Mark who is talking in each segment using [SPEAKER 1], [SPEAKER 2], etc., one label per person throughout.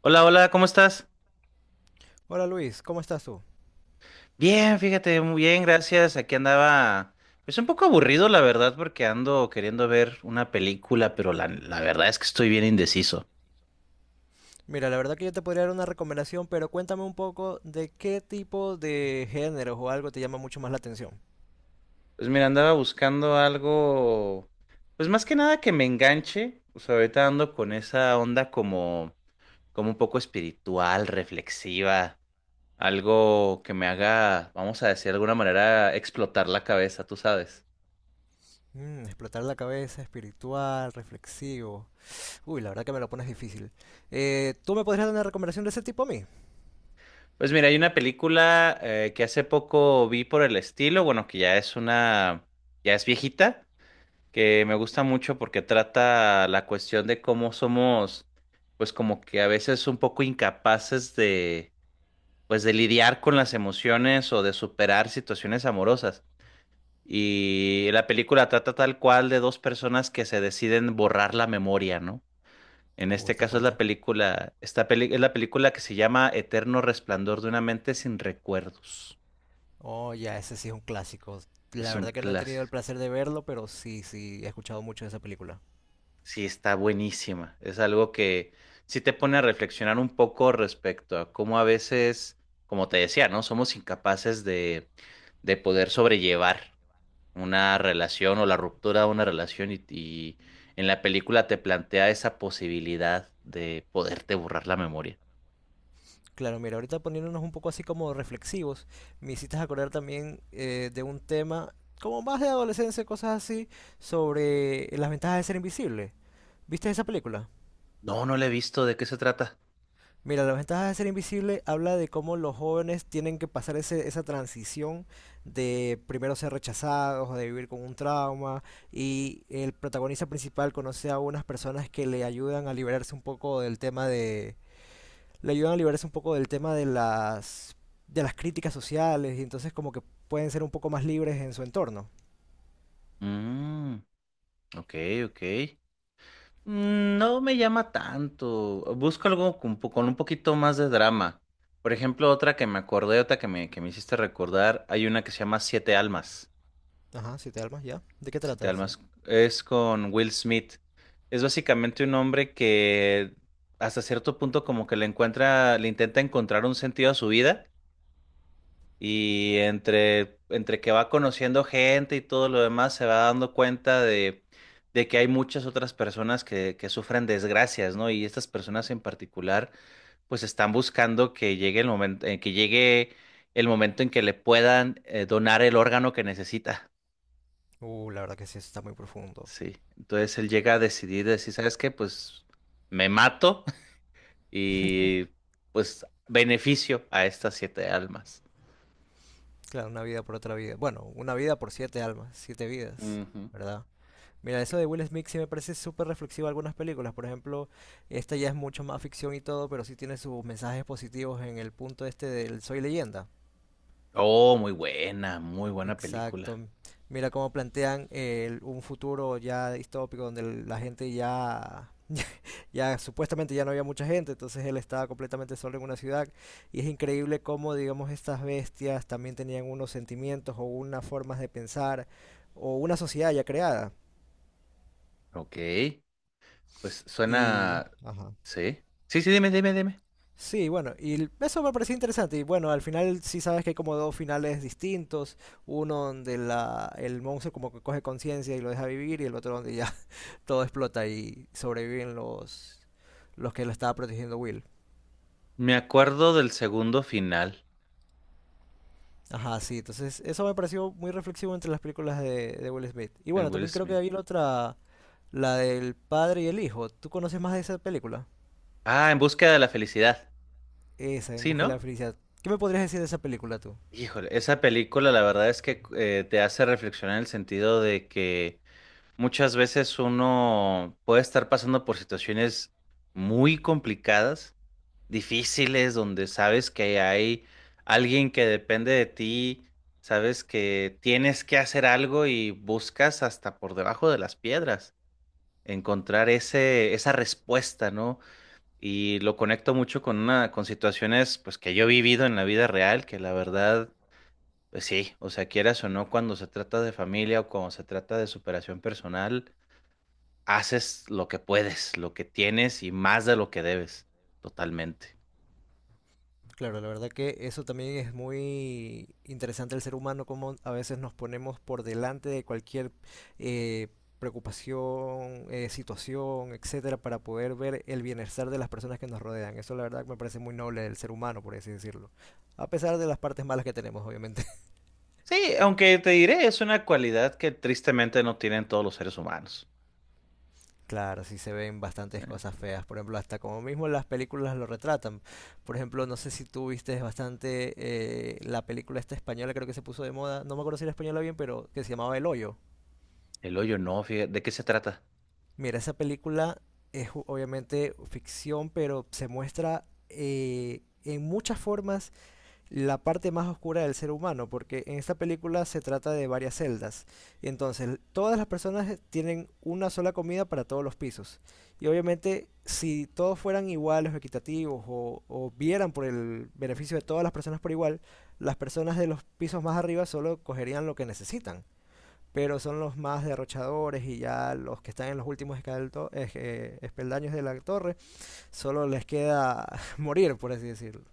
[SPEAKER 1] Hola, hola, ¿cómo estás?
[SPEAKER 2] Hola Luis, ¿cómo estás tú?
[SPEAKER 1] Bien, fíjate, muy bien, gracias. Aquí andaba, pues un poco aburrido, la verdad, porque ando queriendo ver una película, pero la verdad es que estoy bien indeciso.
[SPEAKER 2] Mira, la verdad que yo te podría dar una recomendación, pero cuéntame un poco de qué tipo de géneros o algo te llama mucho más la atención.
[SPEAKER 1] Pues mira, andaba buscando algo, pues más que nada que me enganche. O sea, ahorita ando con esa onda como, como un poco espiritual, reflexiva, algo que me haga, vamos a decir de alguna manera, explotar la cabeza, tú sabes.
[SPEAKER 2] Mm, explotar la cabeza, espiritual, reflexivo. Uy, la verdad que me lo pones difícil. ¿Tú me podrías dar una recomendación de ese tipo a mí?
[SPEAKER 1] Pues mira, hay una película que hace poco vi por el estilo, bueno, que ya es una, ya es viejita, que me gusta mucho porque trata la cuestión de cómo somos, pues como que a veces un poco incapaces de, pues de lidiar con las emociones o de superar situaciones amorosas. Y la película trata tal cual de dos personas que se deciden borrar la memoria, ¿no? En este
[SPEAKER 2] Está
[SPEAKER 1] caso es
[SPEAKER 2] fuerte.
[SPEAKER 1] la película, es la película que se llama Eterno Resplandor de una mente sin recuerdos.
[SPEAKER 2] Oh, ya, ese sí es un clásico. La
[SPEAKER 1] Es un
[SPEAKER 2] verdad que no he
[SPEAKER 1] clásico.
[SPEAKER 2] tenido el placer de verlo, pero sí, sí, he escuchado mucho de esa película.
[SPEAKER 1] Sí, está buenísima. Es algo que sí te pone a reflexionar un poco respecto a cómo a veces, como te decía, ¿no? Somos incapaces de poder sobrellevar una relación o la ruptura de una relación y en la película te plantea esa posibilidad de poderte borrar la memoria.
[SPEAKER 2] Claro, mira, ahorita poniéndonos un poco así como reflexivos, me hiciste acordar también de un tema como más de adolescencia, cosas así, sobre las ventajas de ser invisible. ¿Viste esa película?
[SPEAKER 1] No, no la he visto. ¿De qué se trata?
[SPEAKER 2] Mira, las ventajas de ser invisible habla de cómo los jóvenes tienen que pasar esa transición de primero ser rechazados o de vivir con un trauma y el protagonista principal conoce a unas personas que le ayudan a liberarse un poco del tema le ayudan a liberarse un poco del tema de las críticas sociales y entonces como que pueden ser un poco más libres en su entorno.
[SPEAKER 1] Mm. Ok, ok. Mm, no me llama tanto. Busco algo con, con un poquito más de drama. Por ejemplo, otra que me acordé, otra que me hiciste recordar, hay una que se llama Siete Almas.
[SPEAKER 2] Ajá, siete almas, ya. ¿De qué trata
[SPEAKER 1] Siete
[SPEAKER 2] ese?
[SPEAKER 1] Almas es con Will Smith. Es básicamente un hombre que hasta cierto punto como que le encuentra, le intenta encontrar un sentido a su vida. Y entre, entre que va conociendo gente y todo lo demás, se va dando cuenta de que hay muchas otras personas que sufren desgracias, ¿no? Y estas personas en particular, pues están buscando que llegue el momento, que llegue el momento en que le puedan donar el órgano que necesita.
[SPEAKER 2] La verdad que sí, eso está muy profundo.
[SPEAKER 1] Sí. Entonces él llega a decidir, decir, ¿sabes qué? Pues me mato y pues beneficio a estas siete almas.
[SPEAKER 2] Claro, una vida por otra vida. Bueno, una vida por siete almas, siete vidas,
[SPEAKER 1] Ujú.
[SPEAKER 2] ¿verdad? Mira, eso de Will Smith sí me parece súper reflexivo en algunas películas. Por ejemplo, esta ya es mucho más ficción y todo, pero sí tiene sus mensajes positivos en el punto este del Soy Leyenda.
[SPEAKER 1] Oh, muy buena
[SPEAKER 2] Exacto.
[SPEAKER 1] película.
[SPEAKER 2] Mira cómo plantean un futuro ya distópico donde la gente ya, ya supuestamente ya no había mucha gente, entonces él estaba completamente solo en una ciudad y es increíble cómo, digamos, estas bestias también tenían unos sentimientos o unas formas de pensar o una sociedad ya creada.
[SPEAKER 1] Ok, pues
[SPEAKER 2] Y,
[SPEAKER 1] suena...
[SPEAKER 2] ajá.
[SPEAKER 1] Sí. Sí, sí, dime, dime, dime.
[SPEAKER 2] Sí, bueno, eso me pareció interesante. Y bueno, al final sí sabes que hay como dos finales distintos. Uno donde la, el monstruo como que coge conciencia y lo deja vivir y el otro donde ya todo explota y sobreviven los que lo estaba protegiendo Will.
[SPEAKER 1] Me acuerdo del segundo final,
[SPEAKER 2] Ajá, sí, entonces eso me pareció muy reflexivo entre las películas de Will Smith. Y
[SPEAKER 1] el
[SPEAKER 2] bueno,
[SPEAKER 1] Will
[SPEAKER 2] también creo que
[SPEAKER 1] Smith.
[SPEAKER 2] había la otra, la del padre y el hijo. ¿Tú conoces más de esa película?
[SPEAKER 1] Ah, En búsqueda de la felicidad.
[SPEAKER 2] Esa, En
[SPEAKER 1] Sí,
[SPEAKER 2] Busca de la
[SPEAKER 1] ¿no?
[SPEAKER 2] Felicidad. ¿Qué me podrías decir de esa película tú?
[SPEAKER 1] Híjole, esa película la verdad es que te hace reflexionar en el sentido de que muchas veces uno puede estar pasando por situaciones muy complicadas difíciles, donde sabes que hay alguien que depende de ti, sabes que tienes que hacer algo y buscas hasta por debajo de las piedras encontrar ese, esa respuesta, ¿no? Y lo conecto mucho con una, con situaciones pues que yo he vivido en la vida real, que la verdad, pues sí, o sea, quieras o no, cuando se trata de familia o cuando se trata de superación personal, haces lo que puedes, lo que tienes y más de lo que debes, totalmente.
[SPEAKER 2] Claro, la verdad que eso también es muy interesante el ser humano, como a veces nos ponemos por delante de cualquier eh, preocupación, situación, etcétera, para poder ver el bienestar de las personas que nos rodean. Eso la verdad que me parece muy noble del ser humano, por así decirlo. A pesar de las partes malas que tenemos, obviamente.
[SPEAKER 1] Sí, aunque te diré, es una cualidad que tristemente no tienen todos los seres humanos.
[SPEAKER 2] Claro, sí se ven
[SPEAKER 1] Sí.
[SPEAKER 2] bastantes cosas feas. Por ejemplo, hasta como mismo las películas lo retratan. Por ejemplo, no sé si tú viste bastante la película esta española, creo que se puso de moda. No me acuerdo si era española bien, pero que se llamaba El Hoyo.
[SPEAKER 1] El hoyo no, fíjate, ¿de qué se trata?
[SPEAKER 2] Mira, esa película obviamente ficción, pero se muestra en muchas formas la parte más oscura del ser humano, porque en esta película se trata de varias celdas. Y entonces, todas las personas tienen una sola comida para todos los pisos. Y obviamente, si todos fueran iguales o equitativos o vieran por el beneficio de todas las personas por igual, las personas de los pisos más arriba solo cogerían lo que necesitan pero son los más derrochadores y ya los que están en los últimos espeldaños de la torre, solo les queda morir, por así decirlo.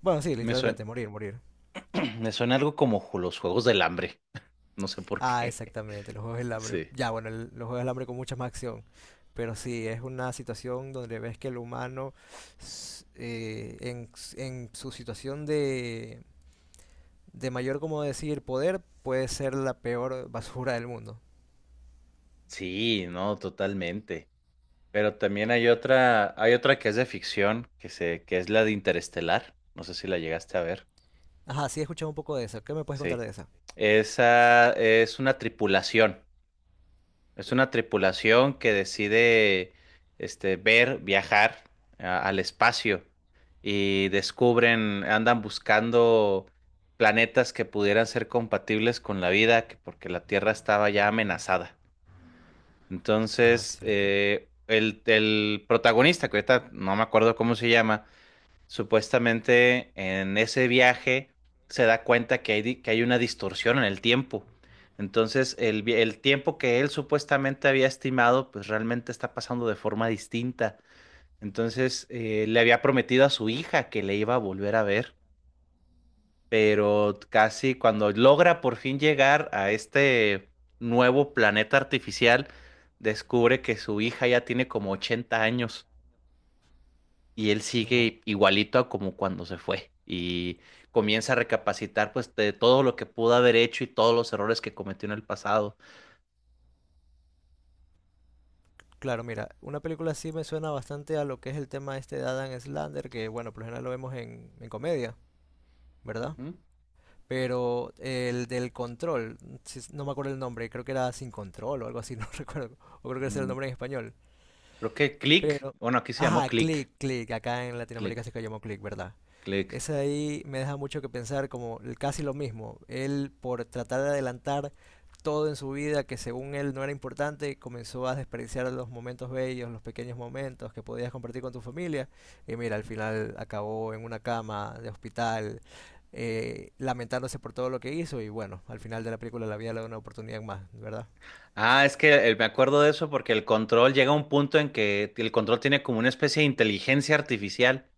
[SPEAKER 2] Bueno, sí,
[SPEAKER 1] Me suena,
[SPEAKER 2] literalmente, morir, morir.
[SPEAKER 1] me suena algo como los juegos del hambre, no sé por
[SPEAKER 2] Ah,
[SPEAKER 1] qué.
[SPEAKER 2] exactamente, los juegos del hambre.
[SPEAKER 1] Sí.
[SPEAKER 2] Ya, bueno, los juegos del hambre con mucha más acción. Pero sí, es una situación donde ves que el humano, en su situación de mayor, como decir, poder, puede ser la peor basura del mundo.
[SPEAKER 1] Sí, no, totalmente. Pero también hay otra que es de ficción, que se, que es la de Interestelar. No sé si la llegaste a ver.
[SPEAKER 2] Ajá, sí, he escuchado un poco de eso. ¿Qué me puedes contar
[SPEAKER 1] Sí.
[SPEAKER 2] de esa?
[SPEAKER 1] Esa es una tripulación. Es una tripulación que decide este, ver, viajar al espacio y descubren, andan buscando planetas que pudieran ser compatibles con la vida, porque la Tierra estaba ya amenazada.
[SPEAKER 2] Ajá,
[SPEAKER 1] Entonces,
[SPEAKER 2] excelente.
[SPEAKER 1] el protagonista, que ahorita no me acuerdo cómo se llama. Supuestamente en ese viaje se da cuenta que hay, que hay una distorsión en el tiempo. Entonces, el, el tiempo que él supuestamente había estimado, pues realmente está pasando de forma distinta. Entonces, le había prometido a su hija que le iba a volver a ver, pero casi cuando logra por fin llegar a este nuevo planeta artificial, descubre que su hija ya tiene como 80 años y él
[SPEAKER 2] No.
[SPEAKER 1] sigue igualito a como cuando se fue y comienza a recapacitar pues de todo lo que pudo haber hecho y todos los errores que cometió en el pasado.
[SPEAKER 2] Claro, mira, una película así me suena bastante a lo que es el tema este de Adam Slander, que bueno, por lo general lo vemos en comedia, ¿verdad?
[SPEAKER 1] Ujú.
[SPEAKER 2] Pero el del control, si no me acuerdo el nombre, creo que era Sin Control o algo así, no recuerdo, o creo que ese era el
[SPEAKER 1] Ujú.
[SPEAKER 2] nombre en español.
[SPEAKER 1] Creo que Click,
[SPEAKER 2] Pero,
[SPEAKER 1] bueno, aquí se llamó
[SPEAKER 2] ajá,
[SPEAKER 1] Click,
[SPEAKER 2] Click, acá en Latinoamérica
[SPEAKER 1] Click,
[SPEAKER 2] se llamó Click, ¿verdad?
[SPEAKER 1] Click.
[SPEAKER 2] Ese ahí me deja mucho que pensar, como casi lo mismo. Él por tratar de adelantar todo en su vida que según él no era importante, comenzó a despreciar los momentos bellos, los pequeños momentos que podías compartir con tu familia. Y mira, al final acabó en una cama de hospital, lamentándose por todo lo que hizo y bueno, al final de la película la vida le da una oportunidad más, ¿verdad?
[SPEAKER 1] Ah, es que me acuerdo de eso porque el control llega a un punto en que el control tiene como una especie de inteligencia artificial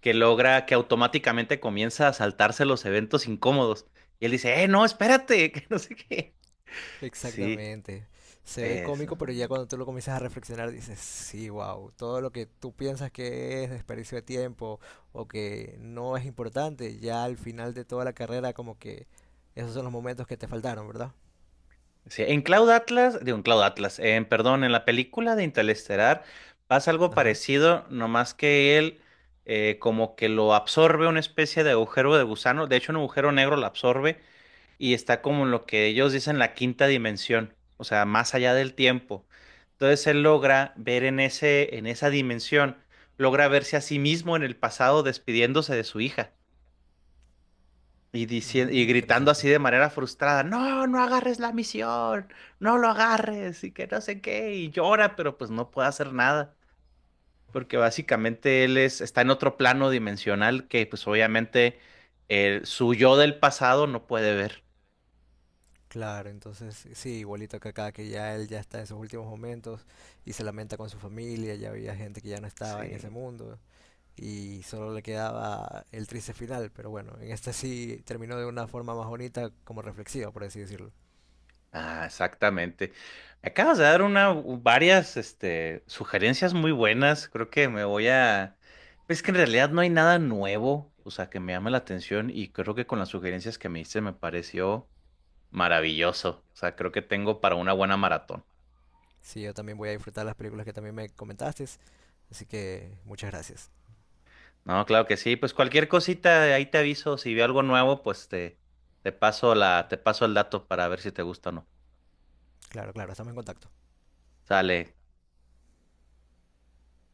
[SPEAKER 1] que logra que automáticamente comienza a saltarse los eventos incómodos. Y él dice, no, espérate, que no sé qué. Sí,
[SPEAKER 2] Exactamente. Se ve
[SPEAKER 1] eso.
[SPEAKER 2] cómico, pero ya cuando tú lo comienzas a reflexionar dices, sí, wow, todo lo que tú piensas que es desperdicio de tiempo o que no es importante, ya al final de toda la carrera como que esos son los momentos que te faltaron, ¿verdad?
[SPEAKER 1] Sí, en Cloud Atlas, digo, en Cloud Atlas, en, perdón, en la película de Interestelar pasa algo
[SPEAKER 2] Ajá.
[SPEAKER 1] parecido, nomás que él como que lo absorbe una especie de agujero de gusano, de hecho un agujero negro lo absorbe y está como en lo que ellos dicen la quinta dimensión, o sea, más allá del tiempo. Entonces él logra ver en ese, en esa dimensión, logra verse a sí mismo en el pasado despidiéndose de su hija. Y diciendo,
[SPEAKER 2] Mm,
[SPEAKER 1] y gritando
[SPEAKER 2] interesante.
[SPEAKER 1] así de manera frustrada, no, no agarres la misión, no lo agarres, y que no sé qué, y llora, pero pues no puede hacer nada, porque básicamente él es, está en otro plano dimensional que pues obviamente el, su yo del pasado no puede ver.
[SPEAKER 2] Claro, entonces sí, igualito que acá, que ya él ya está en sus últimos momentos y se lamenta con su familia, ya había gente que ya no estaba en
[SPEAKER 1] Sí.
[SPEAKER 2] ese mundo. Y solo le quedaba el triste final, pero bueno, en este sí terminó de una forma más bonita, como reflexiva, por así decirlo.
[SPEAKER 1] Ah, exactamente. Me acabas de dar una, varias, este, sugerencias muy buenas. Creo que me voy a... Es que en realidad no hay nada nuevo, o sea, que me llame la atención y creo que con las sugerencias que me diste me pareció maravilloso. O sea, creo que tengo para una buena maratón.
[SPEAKER 2] Sí, yo también voy a disfrutar las películas que también me comentaste, así que muchas gracias.
[SPEAKER 1] No, claro que sí. Pues cualquier cosita, ahí te aviso. Si veo algo nuevo, pues te paso la, te paso el dato para ver si te gusta o no.
[SPEAKER 2] Claro, claro, estamos en contacto.
[SPEAKER 1] Sale.